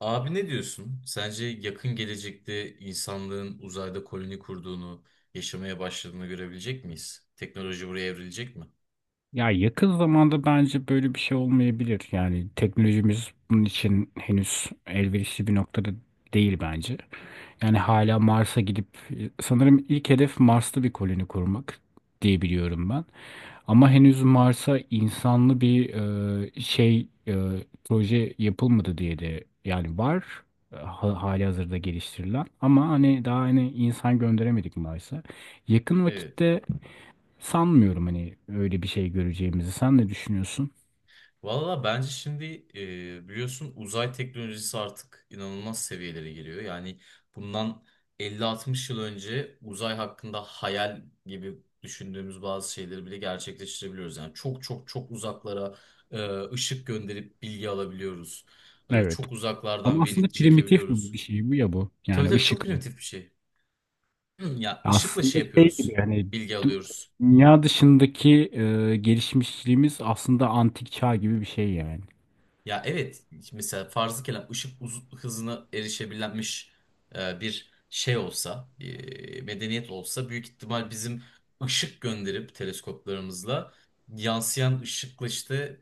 Abi ne diyorsun? Sence yakın gelecekte insanlığın uzayda koloni kurduğunu, yaşamaya başladığını görebilecek miyiz? Teknoloji buraya evrilecek mi? Ya yakın zamanda bence böyle bir şey olmayabilir. Yani teknolojimiz bunun için henüz elverişli bir noktada değil bence. Yani hala Mars'a gidip sanırım ilk hedef Mars'ta bir koloni kurmak diye biliyorum ben. Ama henüz Mars'a insanlı bir şey proje yapılmadı diye de yani var ha, hali hazırda geliştirilen ama hani daha hani insan gönderemedik Mars'a. Yakın Evet. vakitte sanmıyorum hani öyle bir şey göreceğimizi. Sen ne düşünüyorsun? Valla bence şimdi biliyorsun uzay teknolojisi artık inanılmaz seviyelere geliyor. Yani bundan 50-60 yıl önce uzay hakkında hayal gibi düşündüğümüz bazı şeyleri bile gerçekleştirebiliyoruz. Yani çok çok çok uzaklara ışık gönderip bilgi alabiliyoruz. Evet. Çok Ama uzaklardan aslında veri primitif bir çekebiliyoruz. bir şey bu ya bu. Tabii Yani tabii, çok ışık. primitif bir şey. Ya ışıkla Aslında şey şey gibi yapıyoruz. hani Bilgi du- alıyoruz. dünya dışındaki gelişmişliğimiz aslında antik çağ gibi bir şey yani. Ya evet, mesela farzı kelam ışık hızına erişebilenmiş bir şey olsa, medeniyet olsa, büyük ihtimal bizim ışık gönderip teleskoplarımızla yansıyan ışıkla işte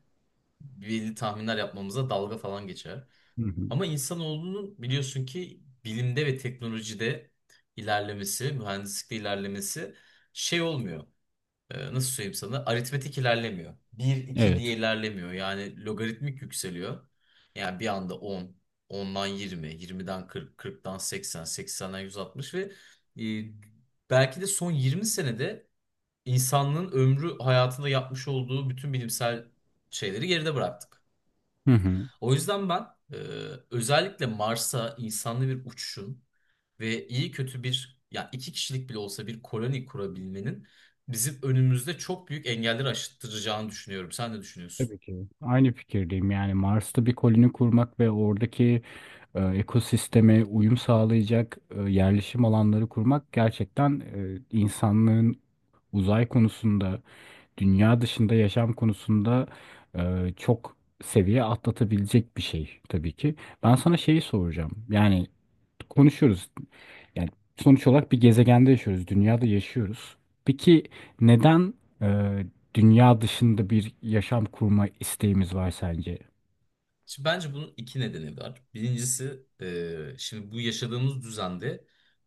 belli tahminler yapmamıza dalga falan geçer. Hı hı. Ama insanoğlunun biliyorsun ki bilimde ve teknolojide ilerlemesi, mühendislikte ilerlemesi şey olmuyor. Nasıl söyleyeyim sana, aritmetik ilerlemiyor. Bir iki Evet. diye ilerlemiyor. Yani logaritmik yükseliyor. Yani bir anda on, ondan 20, yirmiden 40, kırktan 80, seksenden 160 ve e, belki de son 20 senede insanlığın ömrü hayatında yapmış olduğu bütün bilimsel şeyleri geride bıraktık. Hı hı. O yüzden ben e, özellikle Mars'a insanlı bir uçuşun ve iyi kötü bir ya iki kişilik bile olsa bir koloni kurabilmenin bizim önümüzde çok büyük engelleri aşıttıracağını düşünüyorum. Sen ne düşünüyorsun? Tabii ki. Aynı fikirdeyim. Yani Mars'ta bir koloni kurmak ve oradaki ekosisteme uyum sağlayacak yerleşim alanları kurmak gerçekten insanlığın uzay konusunda dünya dışında yaşam konusunda e, çok seviye atlatabilecek bir şey tabii ki. Ben sana şeyi soracağım. Yani konuşuyoruz. Yani sonuç olarak bir gezegende yaşıyoruz, dünyada yaşıyoruz. Peki neden e, dünya dışında bir yaşam kurma isteğimiz var sence? Şimdi bence bunun iki nedeni var. Birincisi, şimdi bu yaşadığımız düzende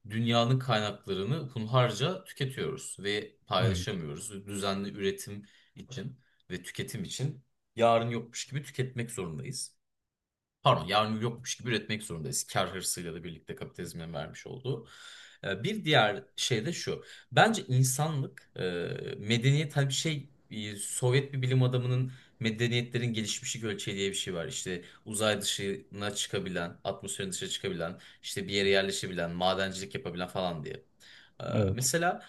dünyanın kaynaklarını hunharca tüketiyoruz ve Evet, paylaşamıyoruz. Düzenli üretim için ve tüketim için yarın yokmuş gibi tüketmek zorundayız. Pardon, yarın yokmuş gibi üretmek zorundayız. Kar hırsıyla da birlikte, kapitalizmin vermiş olduğu. Bir diğer şey de şu. Bence insanlık, medeniyet, hani bir şey, Sovyet bir bilim adamının medeniyetlerin gelişmişlik ölçeği diye bir şey var. İşte uzay dışına çıkabilen, atmosferin dışına çıkabilen, işte bir yere yerleşebilen, madencilik yapabilen falan diye. Ee, evet, Mesela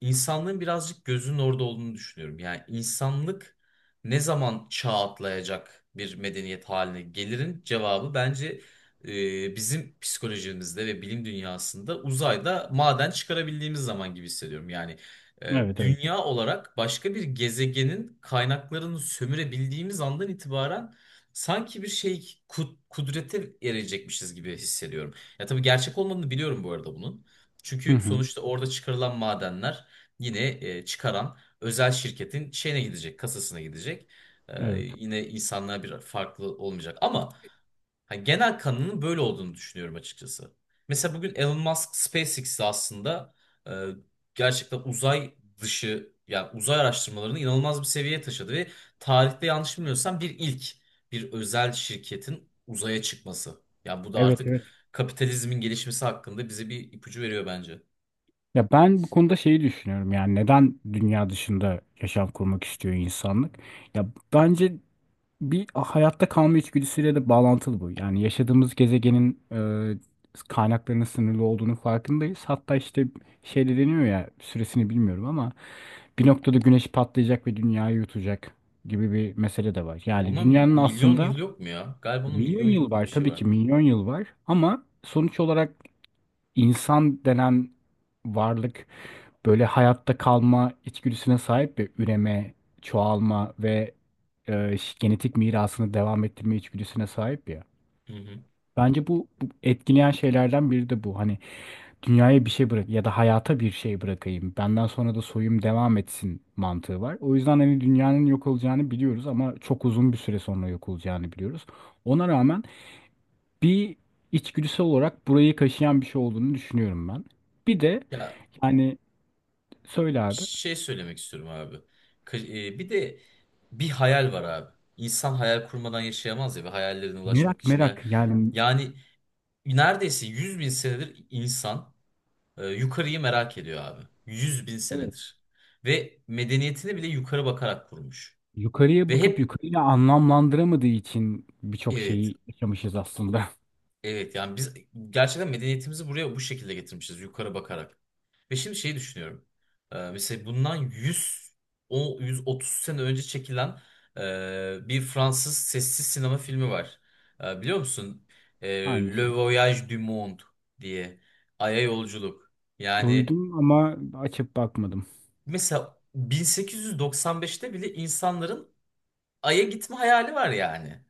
insanlığın birazcık gözünün orada olduğunu düşünüyorum. Yani insanlık ne zaman çağ atlayacak bir medeniyet haline gelirin cevabı bence bizim psikolojimizde ve bilim dünyasında uzayda maden çıkarabildiğimiz zaman gibi hissediyorum. Yani evet, evet. dünya olarak başka bir gezegenin kaynaklarını sömürebildiğimiz andan itibaren sanki bir şey kudrete erecekmişiz gibi hissediyorum. Ya tabii gerçek olmadığını biliyorum bu arada bunun. Hı Çünkü hı. sonuçta orada çıkarılan madenler yine çıkaran özel şirketin şeyine gidecek, kasasına gidecek. Evet, Yine insanlar bir farklı olmayacak. Ama hani genel kanının böyle olduğunu düşünüyorum açıkçası. Mesela bugün Elon Musk SpaceX'te aslında e, gerçekten uzay dışı, yani uzay araştırmalarını inanılmaz bir seviyeye taşıdı ve tarihte yanlış bilmiyorsam bir ilk, bir özel şirketin uzaya çıkması. Yani bu da evet, artık evet. kapitalizmin gelişmesi hakkında bize bir ipucu veriyor bence. Ya ben bu konuda şeyi düşünüyorum, yani neden dünya dışında yaşam kurmak istiyor insanlık? Ya bence bir hayatta kalma içgüdüsüyle de bağlantılı bu. Yani yaşadığımız gezegenin kaynaklarının sınırlı olduğunu farkındayız. Hatta işte şey de deniyor ya, süresini bilmiyorum ama bir noktada güneş patlayacak ve dünyayı yutacak gibi bir mesele de var. Yani Ona dünyanın milyon aslında yıl yok mu ya? Galiba onun milyon milyon yıl yıl gibi bir var, şey tabii ki var. milyon yıl var, ama sonuç olarak İnsan denen varlık böyle hayatta kalma içgüdüsüne sahip ve üreme, çoğalma ve genetik mirasını devam ettirme içgüdüsüne sahip ya. Hı hı. Bence bu, bu etkileyen şeylerden biri de bu. Hani dünyaya bir şey bırak ya da hayata bir şey bırakayım. Benden sonra da soyum devam etsin mantığı var. O yüzden hani dünyanın yok olacağını biliyoruz ama çok uzun bir süre sonra yok olacağını biliyoruz. Ona rağmen bir içgüdüsel olarak burayı kaşıyan bir şey olduğunu düşünüyorum ben. Bir de Ya yani söyle abi. şey söylemek istiyorum abi. Kı- Bir de bir hayal var abi. İnsan hayal kurmadan yaşayamaz ya, ve hayallerine ulaşmak Merak için. Yani, merak yani. yani neredeyse 100 bin senedir insan yukarıyı merak ediyor abi. 100 bin Evet. senedir. Ve medeniyetini bile yukarı bakarak kurmuş. Yukarıya Ve bakıp hep yukarıyla anlamlandıramadığı için birçok evet, şeyi yaşamışız aslında. evet yani biz gerçekten medeniyetimizi buraya bu şekilde getirmişiz yukarı bakarak. Ve şimdi şeyi düşünüyorum. Mesela bundan 100, o 130 sene önce çekilen bir Fransız sessiz sinema filmi var. Biliyor musun? Ee, Aynısı. Le Voyage du Monde diye. Ay'a yolculuk. Yani Duydum ama açıp bakmadım. mesela 1895'te bile insanların Ay'a gitme hayali var yani.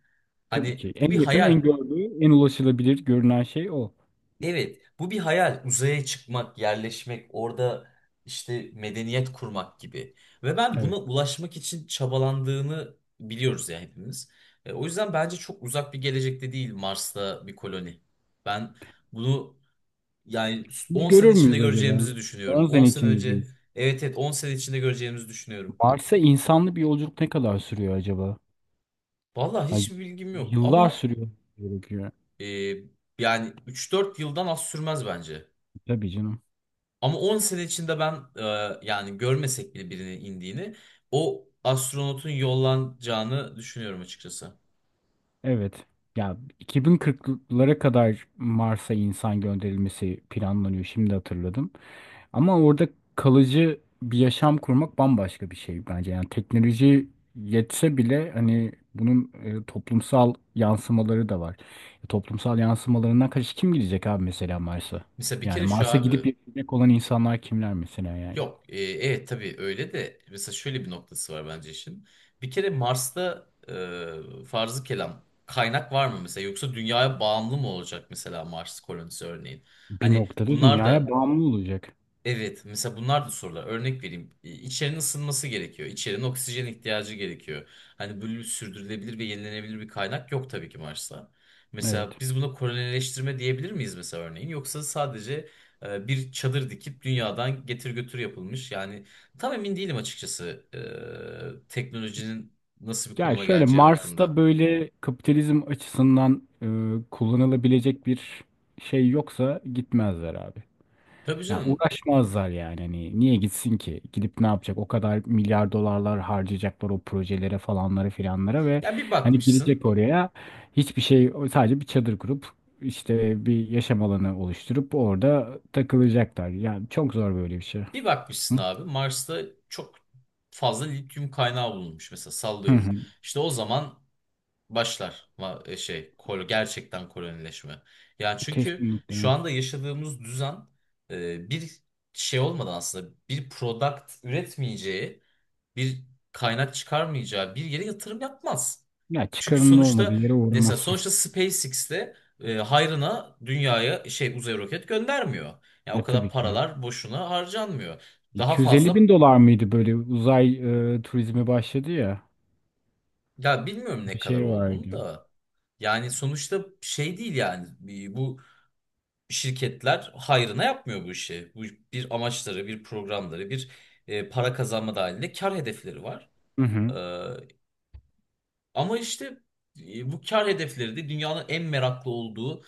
Tabii Hani ki bu en bir yakın, en hayal. gördüğü, en ulaşılabilir görünen şey o. Evet, bu bir hayal. Uzaya çıkmak, yerleşmek, orada işte medeniyet kurmak gibi. Ve ben buna Evet. ulaşmak için çabalandığını biliyoruz ya hepimiz. E, o yüzden bence çok uzak bir gelecekte değil Mars'ta bir koloni. Ben bunu yani Biz 10 görür sene içinde müyüz acaba? göreceğimizi 10 düşünüyorum. 10 sene sene içinde önce, diyoruz. evet evet, 10 sene içinde göreceğimizi düşünüyorum. Mars'a insanlı bir yolculuk ne kadar sürüyor acaba? Vallahi Ya, hiçbir bilgim yok yıllar ama sürüyor gerekiyor. e, yani 3-4 yıldan az sürmez bence. Tabii canım. Ama 10 sene içinde ben, yani görmesek bile birinin indiğini, o astronotun yollanacağını düşünüyorum açıkçası. Evet. Ya 2040'lara kadar Mars'a insan gönderilmesi planlanıyor. Şimdi hatırladım. Ama orada kalıcı bir yaşam kurmak bambaşka bir şey bence. Yani teknoloji yetse bile hani bunun toplumsal yansımaları da var. Toplumsal yansımalarından kaç kim gidecek abi mesela Mars'a? Mesela bir Yani kere şu Mars'a abi, gidip yaşayacak olan insanlar kimler mesela yani? yok evet tabii öyle de, mesela şöyle bir noktası var bence işin. Bir kere Mars'ta farzı kelam kaynak var mı mesela, yoksa dünyaya bağımlı mı olacak mesela Mars kolonisi örneğin? Bir Hani noktada bunlar dünyaya da, bağımlı olacak. evet, mesela bunlar da sorular. Örnek vereyim. E, İçerinin ısınması gerekiyor. İçerinin oksijen ihtiyacı gerekiyor. Hani böyle sürdürülebilir ve yenilenebilir bir kaynak yok tabii ki Mars'ta. Evet. Mesela biz buna kolonileştirme diyebilir miyiz mesela örneğin? Yoksa sadece bir çadır dikip dünyadan getir götür yapılmış. Yani tam emin değilim açıkçası teknolojinin nasıl bir Yani konuma şöyle geleceği Mars'ta hakkında. böyle kapitalizm açısından kullanılabilecek bir şey yoksa gitmezler abi. Tabii Ya canım. uğraşmazlar yani, hani niye gitsin ki? Gidip ne yapacak? O kadar milyar dolarlar harcayacaklar o projelere falanlara filanlara ve Ya bir hani gidecek bakmışsın. oraya, hiçbir şey, sadece bir çadır kurup işte bir yaşam alanı oluşturup orada takılacaklar. Yani çok zor böyle bir şey. Bir bakmışsın abi, Mars'ta çok fazla lityum kaynağı bulunmuş mesela, Hı. sallıyorum. Hı. İşte o zaman başlar ma- e, şey kol gerçekten kolonileşme. Yani çünkü şu Kesinlikle. anda yaşadığımız düzen bir şey olmadan aslında, bir product üretmeyeceği bir kaynak çıkarmayacağı bir yere yatırım yapmaz. Ya Çünkü çıkarının olmadığı sonuçta, yere mesela uğramazsın. sonuçta SpaceX'te hayrına dünyaya şey uzay roket göndermiyor. Yani Ya o kadar tabii ki. paralar boşuna harcanmıyor. Daha 250 bin fazla, dolar mıydı böyle uzay turizmi başladı ya, ya bilmiyorum ne bir kadar şey olduğunu vardı. da. Yani sonuçta şey değil yani. Bu şirketler hayrına yapmıyor bu işi. Bu bir amaçları, bir programları, bir para kazanma dahilinde kar hedefleri var. Hı hı. Ama işte bu kar hedefleri de dünyanın en meraklı olduğu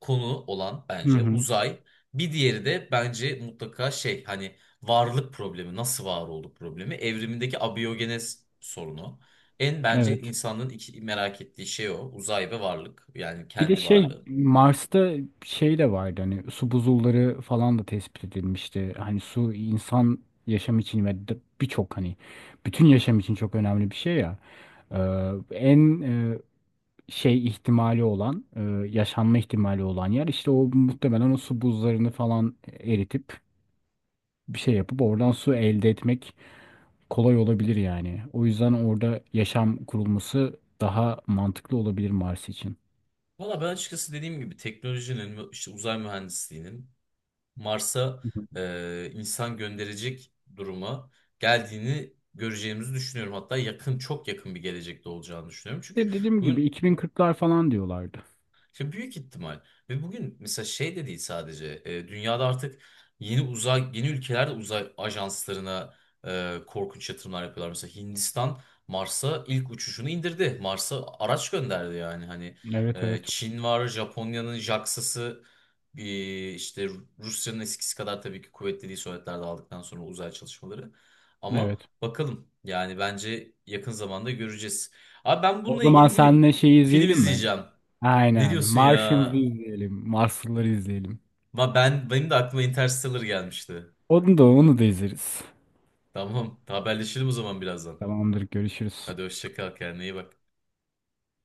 konu olan Hı bence hı. uzay. Bir diğeri de bence mutlaka şey hani, varlık problemi, nasıl var olduk problemi, evrimindeki abiyogenez sorunu. En bence Evet. insanların iki merak ettiği şey o. Uzay ve varlık. Yani Bir de kendi şey varlığı. Mars'ta şey de vardı, hani su buzulları falan da tespit edilmişti. Hani su insan yaşam için ve birçok hani bütün yaşam için çok önemli bir şey ya. Ee, En şey ihtimali olan yaşanma ihtimali olan yer işte o, muhtemelen o su buzlarını falan eritip bir şey yapıp oradan su elde etmek kolay olabilir yani. O yüzden orada yaşam kurulması daha mantıklı olabilir Mars için. Valla ben açıkçası dediğim gibi teknolojinin, işte uzay mühendisliğinin Mars'a Hı hı. İnsan gönderecek duruma geldiğini göreceğimizi düşünüyorum. Hatta yakın, çok yakın bir gelecekte olacağını düşünüyorum. De Çünkü dediğim gibi bugün, 2040'lar falan diyorlardı. ya büyük ihtimal. Ve bugün mesela şey de değil sadece. E, dünyada artık yeni uzay, yeni ülkeler de uzay ajanslarına korkunç yatırımlar yapıyorlar. Mesela Hindistan Mars'a ilk uçuşunu indirdi. Mars'a araç gönderdi yani. Hani Evet, evet. Çin var, Japonya'nın JAXA'sı bir işte, Rusya'nın eskisi kadar tabii ki kuvvetli değil Sovyetler dağıldıktan sonra uzay çalışmaları. Ama Evet. bakalım. Yani bence yakın zamanda göreceğiz. Abi ben O bununla zaman ilgili bir seninle şeyi film izleyelim mi? izleyeceğim. Ne Aynen. diyorsun ya? Martians'ı izleyelim. Marslıları izleyelim. Ma ben, benim de aklıma Interstellar gelmişti. Onu da onu da izleriz. Tamam, haberleşelim o zaman birazdan. Tamamdır. Görüşürüz. Hadi hoşça kal, kendine iyi bak.